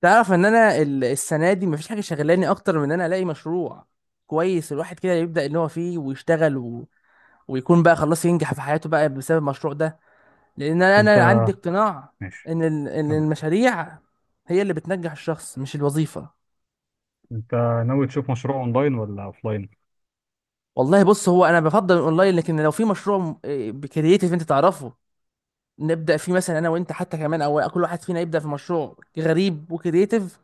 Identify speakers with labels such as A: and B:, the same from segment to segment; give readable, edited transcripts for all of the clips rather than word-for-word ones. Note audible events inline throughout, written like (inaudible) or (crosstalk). A: تعرف ان انا السنه دي مفيش حاجه شغلاني اكتر من ان انا الاقي مشروع كويس. الواحد كده يبدا ان هو فيه ويشتغل ويكون بقى خلاص ينجح في حياته بقى بسبب المشروع ده، لان انا
B: انت،
A: أنا عندي اقتناع
B: ماشي،
A: ان
B: كمل كمل.
A: المشاريع هي اللي بتنجح الشخص، مش الوظيفه.
B: انت ناوي تشوف مشروع اونلاين ولا اوفلاين؟
A: والله بص، هو انا بفضل الاونلاين، لكن لو في مشروع م- إيه، بكرييتيف انت تعرفه نبدا فيه مثلا انا وانت حتى كمان، او كل واحد فينا يبدا في مشروع غريب وكرييتيف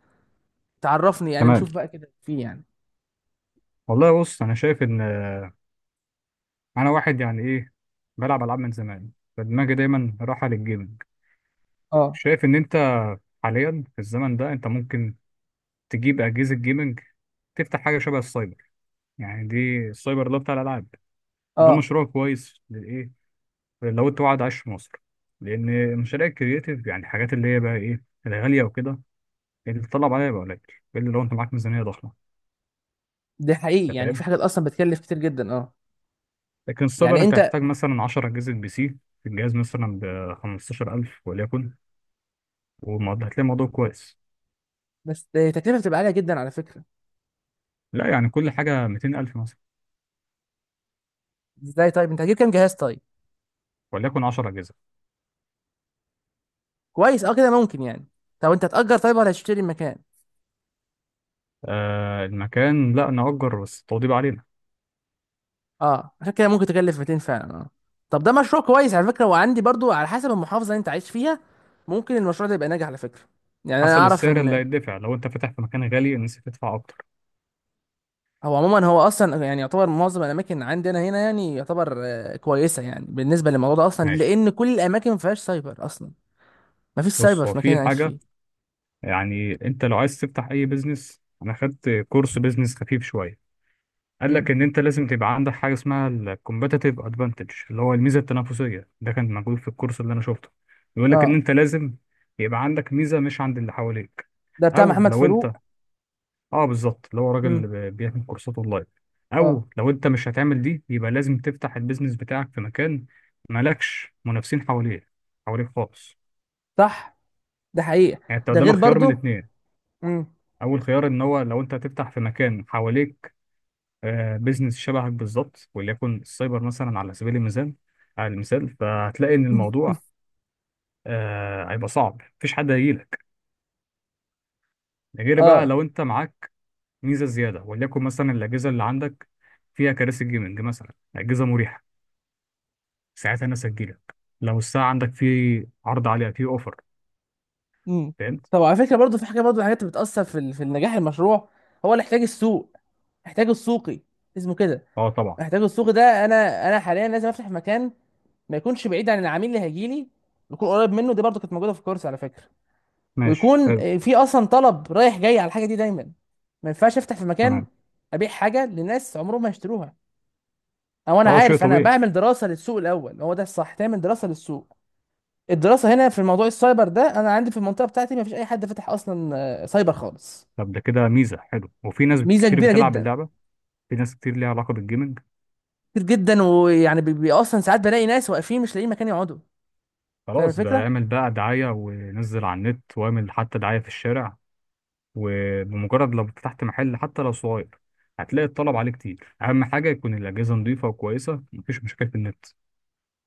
A: تعرفني يعني،
B: تمام.
A: نشوف بقى كده فيه يعني.
B: والله بص، انا شايف ان انا واحد يعني ايه، بلعب العاب من زمان، فدماغي دايما رايحه للجيمنج.
A: اه.
B: شايف ان انت حاليا في الزمن ده انت ممكن تجيب اجهزه جيمنج، تفتح حاجه شبه السايبر. يعني دي السايبر ده بتاع الالعاب. ده
A: اه،
B: مشروع كويس للايه، لو انت قاعد عايش في مصر، لان مشاريع الكرياتيف يعني الحاجات اللي هي بقى ايه الغاليه وكده اللي بتطلب عليها بقى قليل، الا لو انت معاك ميزانيه ضخمه.
A: ده حقيقي،
B: انت
A: يعني في
B: فاهم؟
A: حاجات اصلا بتكلف كتير جدا، اه.
B: لكن السايبر
A: يعني
B: انت
A: انت،
B: هتحتاج مثلا 10 اجهزه بي سي. الجهاز مثلا ب 15,000 وليكن، والموضوع هتلاقي الموضوع كويس.
A: بس التكلفه بتبقى عاليه جدا على فكره.
B: لا يعني كل حاجه 200,000 مثلا.
A: ازاي طيب؟ انت هتجيب كام جهاز طيب؟
B: وليكن 10 اجهزه.
A: كويس، اه كده ممكن يعني. طب انت هتأجر طيب ولا هتشتري المكان؟
B: آه، المكان لا نأجر، بس التوضيب علينا.
A: اه عشان كده ممكن تكلف 200 فعلا، اه. طب ده مشروع كويس على فكره، وعندي برضو على حسب المحافظه اللي انت عايش فيها ممكن المشروع ده يبقى ناجح على فكره. يعني انا
B: حسب
A: اعرف
B: السعر اللي
A: ان
B: هيدفع، لو انت فاتح في مكان غالي الناس هتدفع اكتر.
A: هو عموما، هو اصلا يعني يعتبر معظم الاماكن عندنا هنا يعني يعتبر كويسه يعني بالنسبه للموضوع ده اصلا،
B: ماشي.
A: لان كل الاماكن ما فيهاش سايبر اصلا. ما فيش سايبر
B: بص، هو
A: في المكان اللي
B: في
A: أنا عايش
B: حاجه.
A: فيه.
B: يعني انت لو عايز تفتح اي بيزنس، انا خدت كورس بيزنس خفيف شويه، قال لك
A: امم
B: ان انت لازم تبقى عندك حاجه اسمها الكومبتيتيف ادفانتج اللي هو الميزه التنافسيه، ده كان موجود في الكورس اللي انا شفته. بيقول لك ان
A: اه،
B: انت لازم يبقى عندك ميزه مش عند اللي حواليك.
A: ده بتاع
B: او
A: محمد
B: لو انت،
A: فاروق.
B: اه بالظبط، اللي هو راجل
A: امم
B: بيعمل كورسات اونلاين.
A: اه.
B: او لو انت مش هتعمل دي يبقى لازم تفتح البيزنس بتاعك في مكان مالكش منافسين حواليه، حواليك خالص.
A: صح، ده حقيقة،
B: يعني انت
A: ده
B: قدامك
A: غير
B: خيار من
A: برضو.
B: اتنين.
A: امم
B: اول خيار ان هو لو انت هتفتح في مكان حواليك آه، بيزنس شبهك بالظبط، وليكن السايبر مثلا، على سبيل المثال على المثال، فهتلاقي ان
A: (laughs)
B: الموضوع آه، هيبقى صعب، مفيش حد هيجيلك. ده غير بقى
A: اه.
B: لو انت معاك ميزه زياده، وليكن مثلا الاجهزه اللي عندك فيها كراسي جيمنج مثلا، اجهزه مريحه، ساعتها الناس هتجيلك. لو الساعه عندك في عرض عليها في اوفر.
A: امم
B: فهمت؟
A: طب على فكرة برضو في حاجة، برضو من الحاجات اللي بتأثر في في نجاح المشروع، هو الاحتياج السوق، احتياج السوقي اسمه كده.
B: اه طبعا.
A: احتياج السوقي ده، انا حاليا لازم افتح مكان ما يكونش بعيد عن العميل اللي هيجيلي، يكون قريب منه. دي برضو كانت موجودة في الكورس على فكرة.
B: ماشي
A: ويكون
B: حلو.
A: في اصلا طلب رايح جاي على الحاجة دي دايما. ما ينفعش افتح في مكان
B: تمام.
A: ابيع حاجة لناس عمرهم ما يشتروها. او انا
B: اه شيء
A: عارف، انا
B: طبيعي.
A: بعمل دراسه للسوق الاول، هو ده الصح، تعمل دراسه للسوق. الدراسه هنا في موضوع السايبر ده، انا عندي في المنطقه بتاعتي ما فيش اي حد فاتح اصلا سايبر خالص.
B: طب ده كده ميزه حلو، وفي ناس
A: ميزه
B: كتير
A: كبيره
B: بتلعب
A: جدا.
B: اللعبه. في ناس كتير ليها علاقه بالجيمنج.
A: كتير جدا، ويعني اصلا ساعات بلاقي ناس واقفين مش لاقيين مكان يقعدوا. فاهم
B: خلاص، ده
A: الفكره.
B: اعمل بقى دعاية ونزل على النت، واعمل حتى دعاية في الشارع. وبمجرد لو فتحت محل حتى لو صغير هتلاقي الطلب عليه كتير. أهم حاجة يكون الأجهزة نظيفة وكويسة، مفيش مشاكل في النت.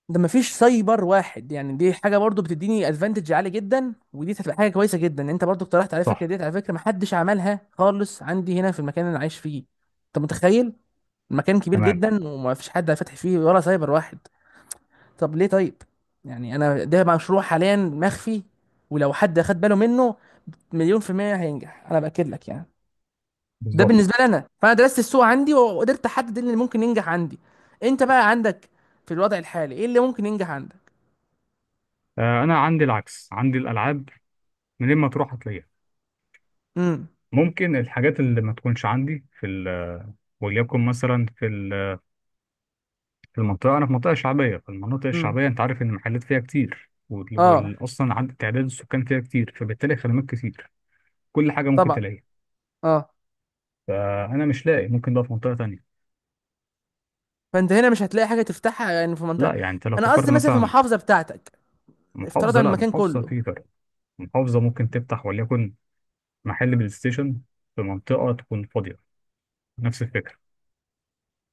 A: ده ما فيش سايبر واحد، يعني دي حاجه برضو بتديني ادفانتج عالي جدا، ودي هتبقى حاجه كويسه جدا. انت برضو اقترحت على فكره
B: صح.
A: ديت، على فكره ما حدش عملها خالص عندي هنا في المكان اللي انا عايش فيه. انت متخيل؟ المكان كبير
B: تمام.
A: جدا وما فيش حد فاتح فيه ولا سايبر واحد. طب ليه طيب؟ يعني انا ده مشروع حاليا مخفي، ولو حد خد باله منه مليون في المية هينجح، انا باكد لك يعني. ده
B: بالظبط.
A: بالنسبة لي انا، فانا درست السوق عندي وقدرت احدد إيه اللي ممكن ينجح عندي. انت بقى عندك في الوضع الحالي ايه اللي ممكن ينجح عندك؟
B: آه، أنا عندي العكس، عندي الألعاب منين ما تروح هتلاقيها.
A: امم
B: ممكن الحاجات اللي ما تكونش عندي في وليكن مثلا في في المنطقة، أنا في منطقة شعبية، فالمناطق
A: امم
B: الشعبية أنت عارف إن المحلات فيها كتير،
A: اه،
B: أصلا عدد تعداد السكان فيها كتير، فبالتالي خدمات كتير. كل حاجه ممكن
A: طبعا.
B: تلاقيها.
A: اه.
B: فانا مش لاقي، ممكن ده في منطقه تانية.
A: فانت هنا مش هتلاقي حاجة تفتحها يعني في منطقة.
B: لا يعني انت لو
A: انا
B: فكرت
A: قصدي مثلا في
B: مثلا،
A: المحافظة بتاعتك، افتراضا
B: محافظه، لا
A: المكان
B: محافظه
A: كله.
B: في فرق. محافظه ممكن تفتح وليكن محل بلاي ستيشن في منطقه تكون فاضيه، نفس الفكره.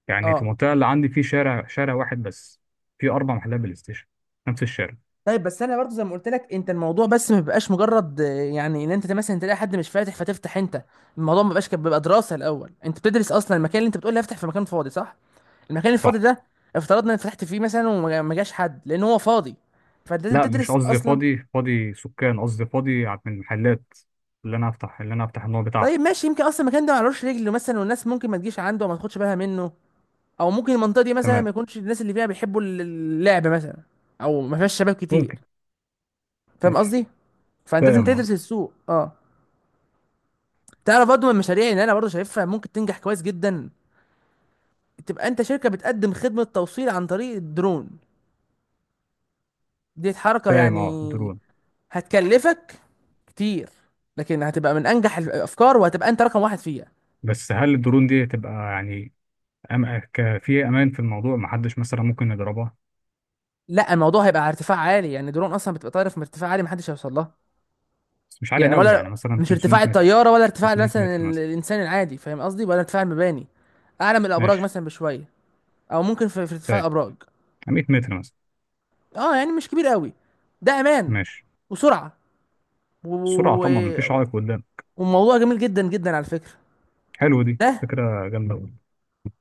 B: يعني في
A: اه،
B: المنطقه اللي عندي، في شارع واحد بس في اربع محلات بلاي ستيشن، نفس الشارع.
A: طيب. بس انا برضو زي ما قلت لك انت، الموضوع بس ما بيبقاش مجرد يعني ان انت مثلا تلاقي حد مش فاتح فتفتح انت. الموضوع ما بيبقاش كده، بيبقى دراسه الاول. انت بتدرس اصلا المكان اللي انت بتقول لي افتح في مكان فاضي، صح؟ المكان
B: صح.
A: الفاضي ده، افترضنا ان فتحت فيه مثلا وما ما جاش حد لان هو فاضي، فانت لازم
B: لا مش
A: تدرس
B: قصدي
A: اصلا.
B: فاضي، فاضي سكان، قصدي فاضي من المحلات اللي انا افتح، النوع
A: طيب
B: بتاعها.
A: ماشي، يمكن اصلا المكان ده معلوش رجل مثلا، والناس ممكن ما تجيش عنده وما تاخدش بالها منه، او ممكن المنطقه دي مثلا
B: تمام.
A: ما يكونش الناس اللي فيها بيحبوا اللعب مثلا، او ما فيهاش شباب كتير.
B: ممكن.
A: فاهم
B: ماشي.
A: قصدي؟ فانت لازم
B: فاهم اه.
A: تدرس السوق، اه. تعرف برضه من المشاريع اللي انا برضه شايفها ممكن تنجح كويس جدا، تبقى انت شركه بتقدم خدمه توصيل عن طريق الدرون. دي حركه
B: فاهم اه
A: يعني،
B: درون.
A: هتكلفك كتير، لكن هتبقى من انجح الافكار وهتبقى انت رقم واحد فيها.
B: بس هل الدرون دي تبقى يعني في امان في الموضوع، ما حدش مثلا ممكن يضربها؟
A: لا الموضوع هيبقى على ارتفاع عالي، يعني درون اصلا بتبقى طايره في ارتفاع عالي محدش هيوصل لها.
B: بس مش عالية
A: يعني
B: قوي، يعني
A: ولا
B: مثلا
A: مش
B: 500
A: ارتفاع
B: متر؟
A: الطياره، ولا ارتفاع
B: 300
A: مثلا
B: متر مثلا.
A: الانسان العادي، فاهم قصدي، ولا ارتفاع المباني. اعلى من الابراج
B: ماشي.
A: مثلا بشويه، او ممكن في ارتفاع
B: فاهم.
A: الابراج.
B: 100 متر مثلا.
A: اه يعني مش كبير قوي. ده امان
B: ماشي.
A: وسرعه و...
B: السرعة طبعا مفيش
A: و-
B: عائق قدام.
A: وموضوع جميل جدا جدا على فكرة.
B: حلو، دي
A: ده
B: فكرة جامدة أوي.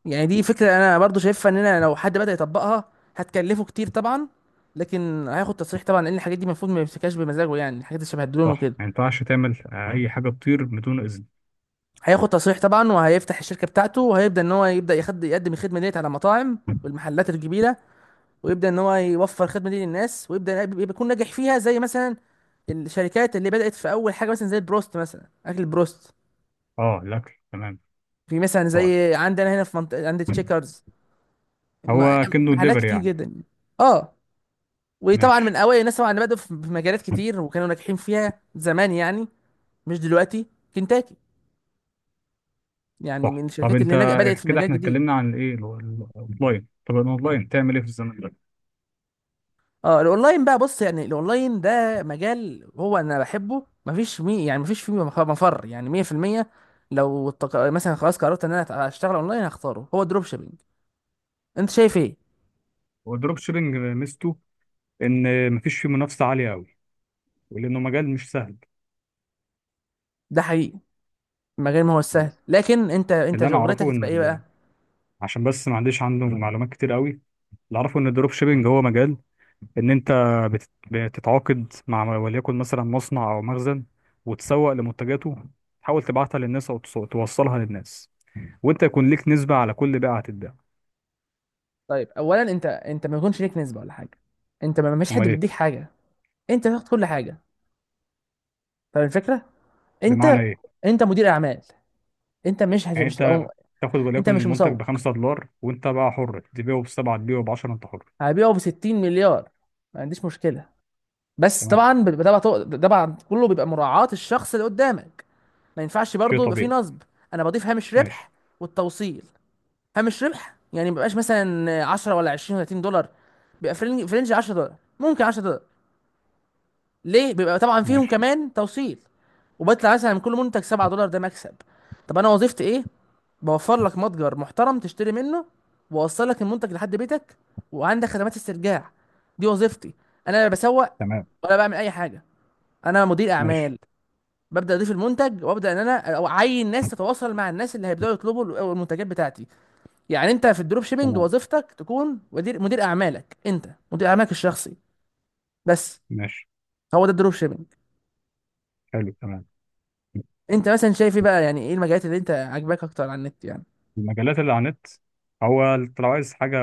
A: يعني دي فكرة انا برضو شايفها اننا لو حد بدأ يطبقها هتكلفه كتير طبعا، لكن هياخد تصريح طبعا لان الحاجات دي المفروض ما يمسكهاش بمزاجه، يعني الحاجات اللي شبه الدرون
B: صح،
A: وكده.
B: ما ينفعش تعمل آه، أي حاجة تطير بدون إذن.
A: هياخد تصريح طبعا، وهيفتح الشركة بتاعته، وهيبدأ ان هو يبدأ يقدم الخدمة ديت على المطاعم والمحلات الكبيرة، ويبدأ ان هو يوفر الخدمة دي للناس، ويبدأ يكون ناجح فيها زي مثلا الشركات اللي بدأت في اول حاجة، مثلا زي البروست مثلا، اكل البروست،
B: اه الأكل، تمام.
A: في مثلا
B: طيب.
A: زي عندنا هنا في منطقة عند تشيكرز. ما-
B: هو كأنه
A: حالات
B: دليفري
A: كتير
B: يعني؟
A: جدا، اه. وطبعا من
B: ماشي.
A: اوائل الناس طبعا اللي بدأوا في في مجالات كتير وكانوا ناجحين فيها زمان يعني، مش دلوقتي. كنتاكي يعني،
B: صح.
A: من
B: طب
A: الشركات
B: أنت،
A: اللي بدأت في
B: كده
A: مجال
B: احنا
A: جديد.
B: اتكلمنا عن الإيه، الأونلاين. طب الأونلاين تعمل إيه في الزمن ده؟
A: اه، الاونلاين بقى، بص يعني، الاونلاين ده مجال هو انا بحبه، مفيش مي يعني مفيش فيه مفر يعني، 100%. مثلا خلاص قررت ان انا اشتغل اونلاين هختاره، هو الدروب شيبينج. انت شايف ايه؟
B: هو الدروب شيبنج ميزته إن مفيش فيه منافسة عالية أوي، ولأنه مجال مش سهل.
A: ده حقيقي. المجال ما هو السهل، لكن انت
B: اللي انا
A: شغلتك
B: اعرفه ان
A: هتبقى ايه بقى؟
B: ال... عشان بس ما عنديش، عنده معلومات كتير قوي. اللي اعرفه ان الدروب شيبينج هو مجال ان انت بتتعاقد مع وليكن مثلا مصنع او مخزن، وتسوق لمنتجاته، تحاول تبعتها للناس او توصلها للناس، وانت يكون ليك نسبة على كل بيعة هتتباع.
A: طيب اولا انت ما يكونش ليك نسبه ولا حاجه. انت ما مش حد
B: امال ايه؟
A: بيديك حاجه، انت تاخد كل حاجه. فاهم الفكره؟
B: بمعنى
A: انت،
B: ايه؟
A: انت مدير اعمال، انت مش هت...
B: يعني
A: مش تبقى
B: انت
A: م...
B: تاخد
A: انت
B: وليكن
A: مش
B: المنتج
A: مسوق.
B: ب 5 دولار، وانت بقى حر تبيعه ب 7، تبيعه ب 10، انت حر.
A: هبيعه ب 60 مليار، ما عنديش مشكله. بس
B: تمام.
A: طبعا بيبقى، طبعاً كله بيبقى مراعاه الشخص اللي قدامك، ما ينفعش
B: شيء
A: برضه يبقى فيه
B: طبيعي.
A: نصب. انا بضيف هامش
B: ماشي.
A: ربح والتوصيل. هامش ربح يعني ما بيبقاش مثلا 10 ولا 20 ولا $30، بيبقى في رينج، في رينج $10 ممكن 10، ليه؟ بيبقى طبعا فيهم
B: ماشي.
A: كمان توصيل، وبطلع مثلا من كل منتج $7، ده مكسب. طب انا وظيفتي ايه؟ بوفر لك متجر محترم تشتري منه، واوصل لك المنتج لحد بيتك، وعندك خدمات استرجاع. دي وظيفتي. انا لا بسوق
B: تمام.
A: ولا بعمل اي حاجه، انا مدير
B: ماشي.
A: اعمال. ببدا اضيف المنتج وابدا ان انا أو اعين ناس تتواصل مع الناس اللي هيبداوا يطلبوا المنتجات بتاعتي. يعني انت في الدروب شيبينج
B: تمام.
A: وظيفتك تكون مدير، مدير اعمالك انت، مدير اعمالك الشخصي، بس.
B: ماشي.
A: هو ده الدروب شيبينج.
B: حلو. تمام.
A: انت مثلا شايف ايه بقى، يعني ايه المجالات اللي انت عاجباك اكتر على النت يعني؟
B: المجالات اللي على النت، هو انت لو عايز حاجة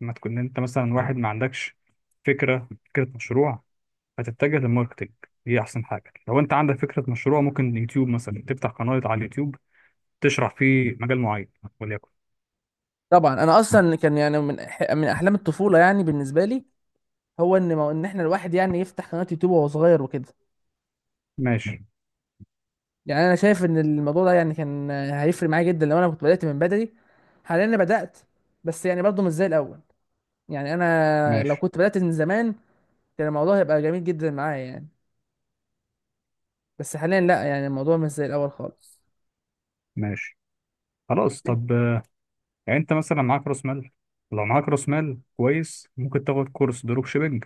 B: ما تكون انت مثلا واحد ما عندكش فكرة مشروع، هتتجه للماركتينج. دي أحسن حاجة. لو أنت عندك فكرة مشروع ممكن يوتيوب مثلا، تفتح قناة على اليوتيوب تشرح فيه مجال معين، وليكن.
A: طبعا انا اصلا كان يعني من من احلام الطفوله يعني بالنسبه لي، هو ان ان احنا الواحد يعني يفتح قناه يوتيوب وهو صغير وكده.
B: ماشي.
A: يعني انا شايف ان الموضوع ده يعني كان هيفرق معايا جدا لو انا كنت بدات من بدري. حاليا انا بدات، بس يعني برضه مش زي الاول. يعني انا لو
B: ماشي.
A: كنت بدات من زمان كان الموضوع هيبقى جميل جدا معايا يعني. بس حاليا لا، يعني الموضوع مش زي الاول خالص.
B: ماشي. خلاص طب آه، يعني أنت مثلا معاك رأس مال، لو معاك رأس مال كويس ممكن تاخد كورس دروب شيبينج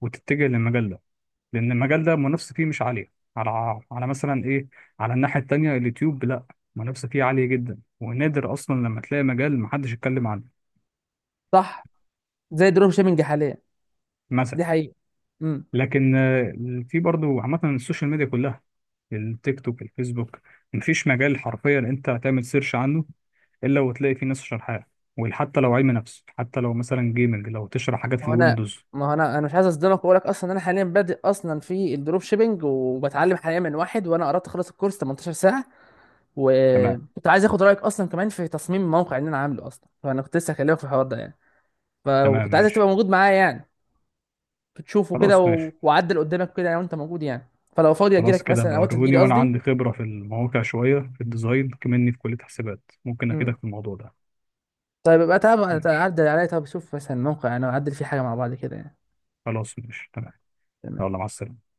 B: وتتجه للمجال ده، لان المجال ده المنافسه فيه مش عاليه، على مثلا ايه، على الناحيه التانيه اليوتيوب لا، المنافسه فيه عاليه جدا، ونادر اصلا لما تلاقي مجال محدش يتكلم عنه
A: صح، زي دروب شيبنج حاليا،
B: مثلا.
A: دي حقيقه.
B: لكن آه، في برضو عامه السوشيال ميديا كلها، التيك توك، الفيسبوك، مفيش مجال حرفيا انت هتعمل سيرش عنه الا وتلاقي فيه ناس شارحاه، وحتى لو علم نفس، حتى لو مثلا جيمنج لو تشرح حاجات في
A: ما هو انا
B: الويندوز.
A: ما هو انا مش عايز اصدمك واقول لك اصلا انا حاليا بادئ اصلا في الدروب شيبنج، وبتعلم حاليا من واحد، وانا قربت اخلص الكورس 18 ساعه.
B: تمام.
A: وكنت عايز اخد رايك اصلا كمان في تصميم الموقع اللي انا عامله اصلا، فانا كنت لسه هكلمك في الحوار ده يعني.
B: تمام.
A: وكنت عايزك تبقى
B: ماشي.
A: موجود معايا يعني، تشوفه كده
B: خلاص ماشي.
A: وعدل قدامك كده لو انت موجود يعني. فلو فاضي اجي
B: خلاص
A: لك
B: كده
A: مثلا او انت تجي
B: بوروني،
A: لي
B: وانا
A: قصدي.
B: عندي خبرة في المواقع شوية في الديزاين، كمني في كلية حسابات، ممكن
A: امم
B: افيدك في الموضوع ده.
A: طيب يبقى تعب،
B: ماشي.
A: تعدل عليا طب، شوف مثلا الموقع انا اعدل فيه حاجه مع بعض كده يعني.
B: خلاص ماشي. تمام.
A: تمام.
B: يلا مع السلامة.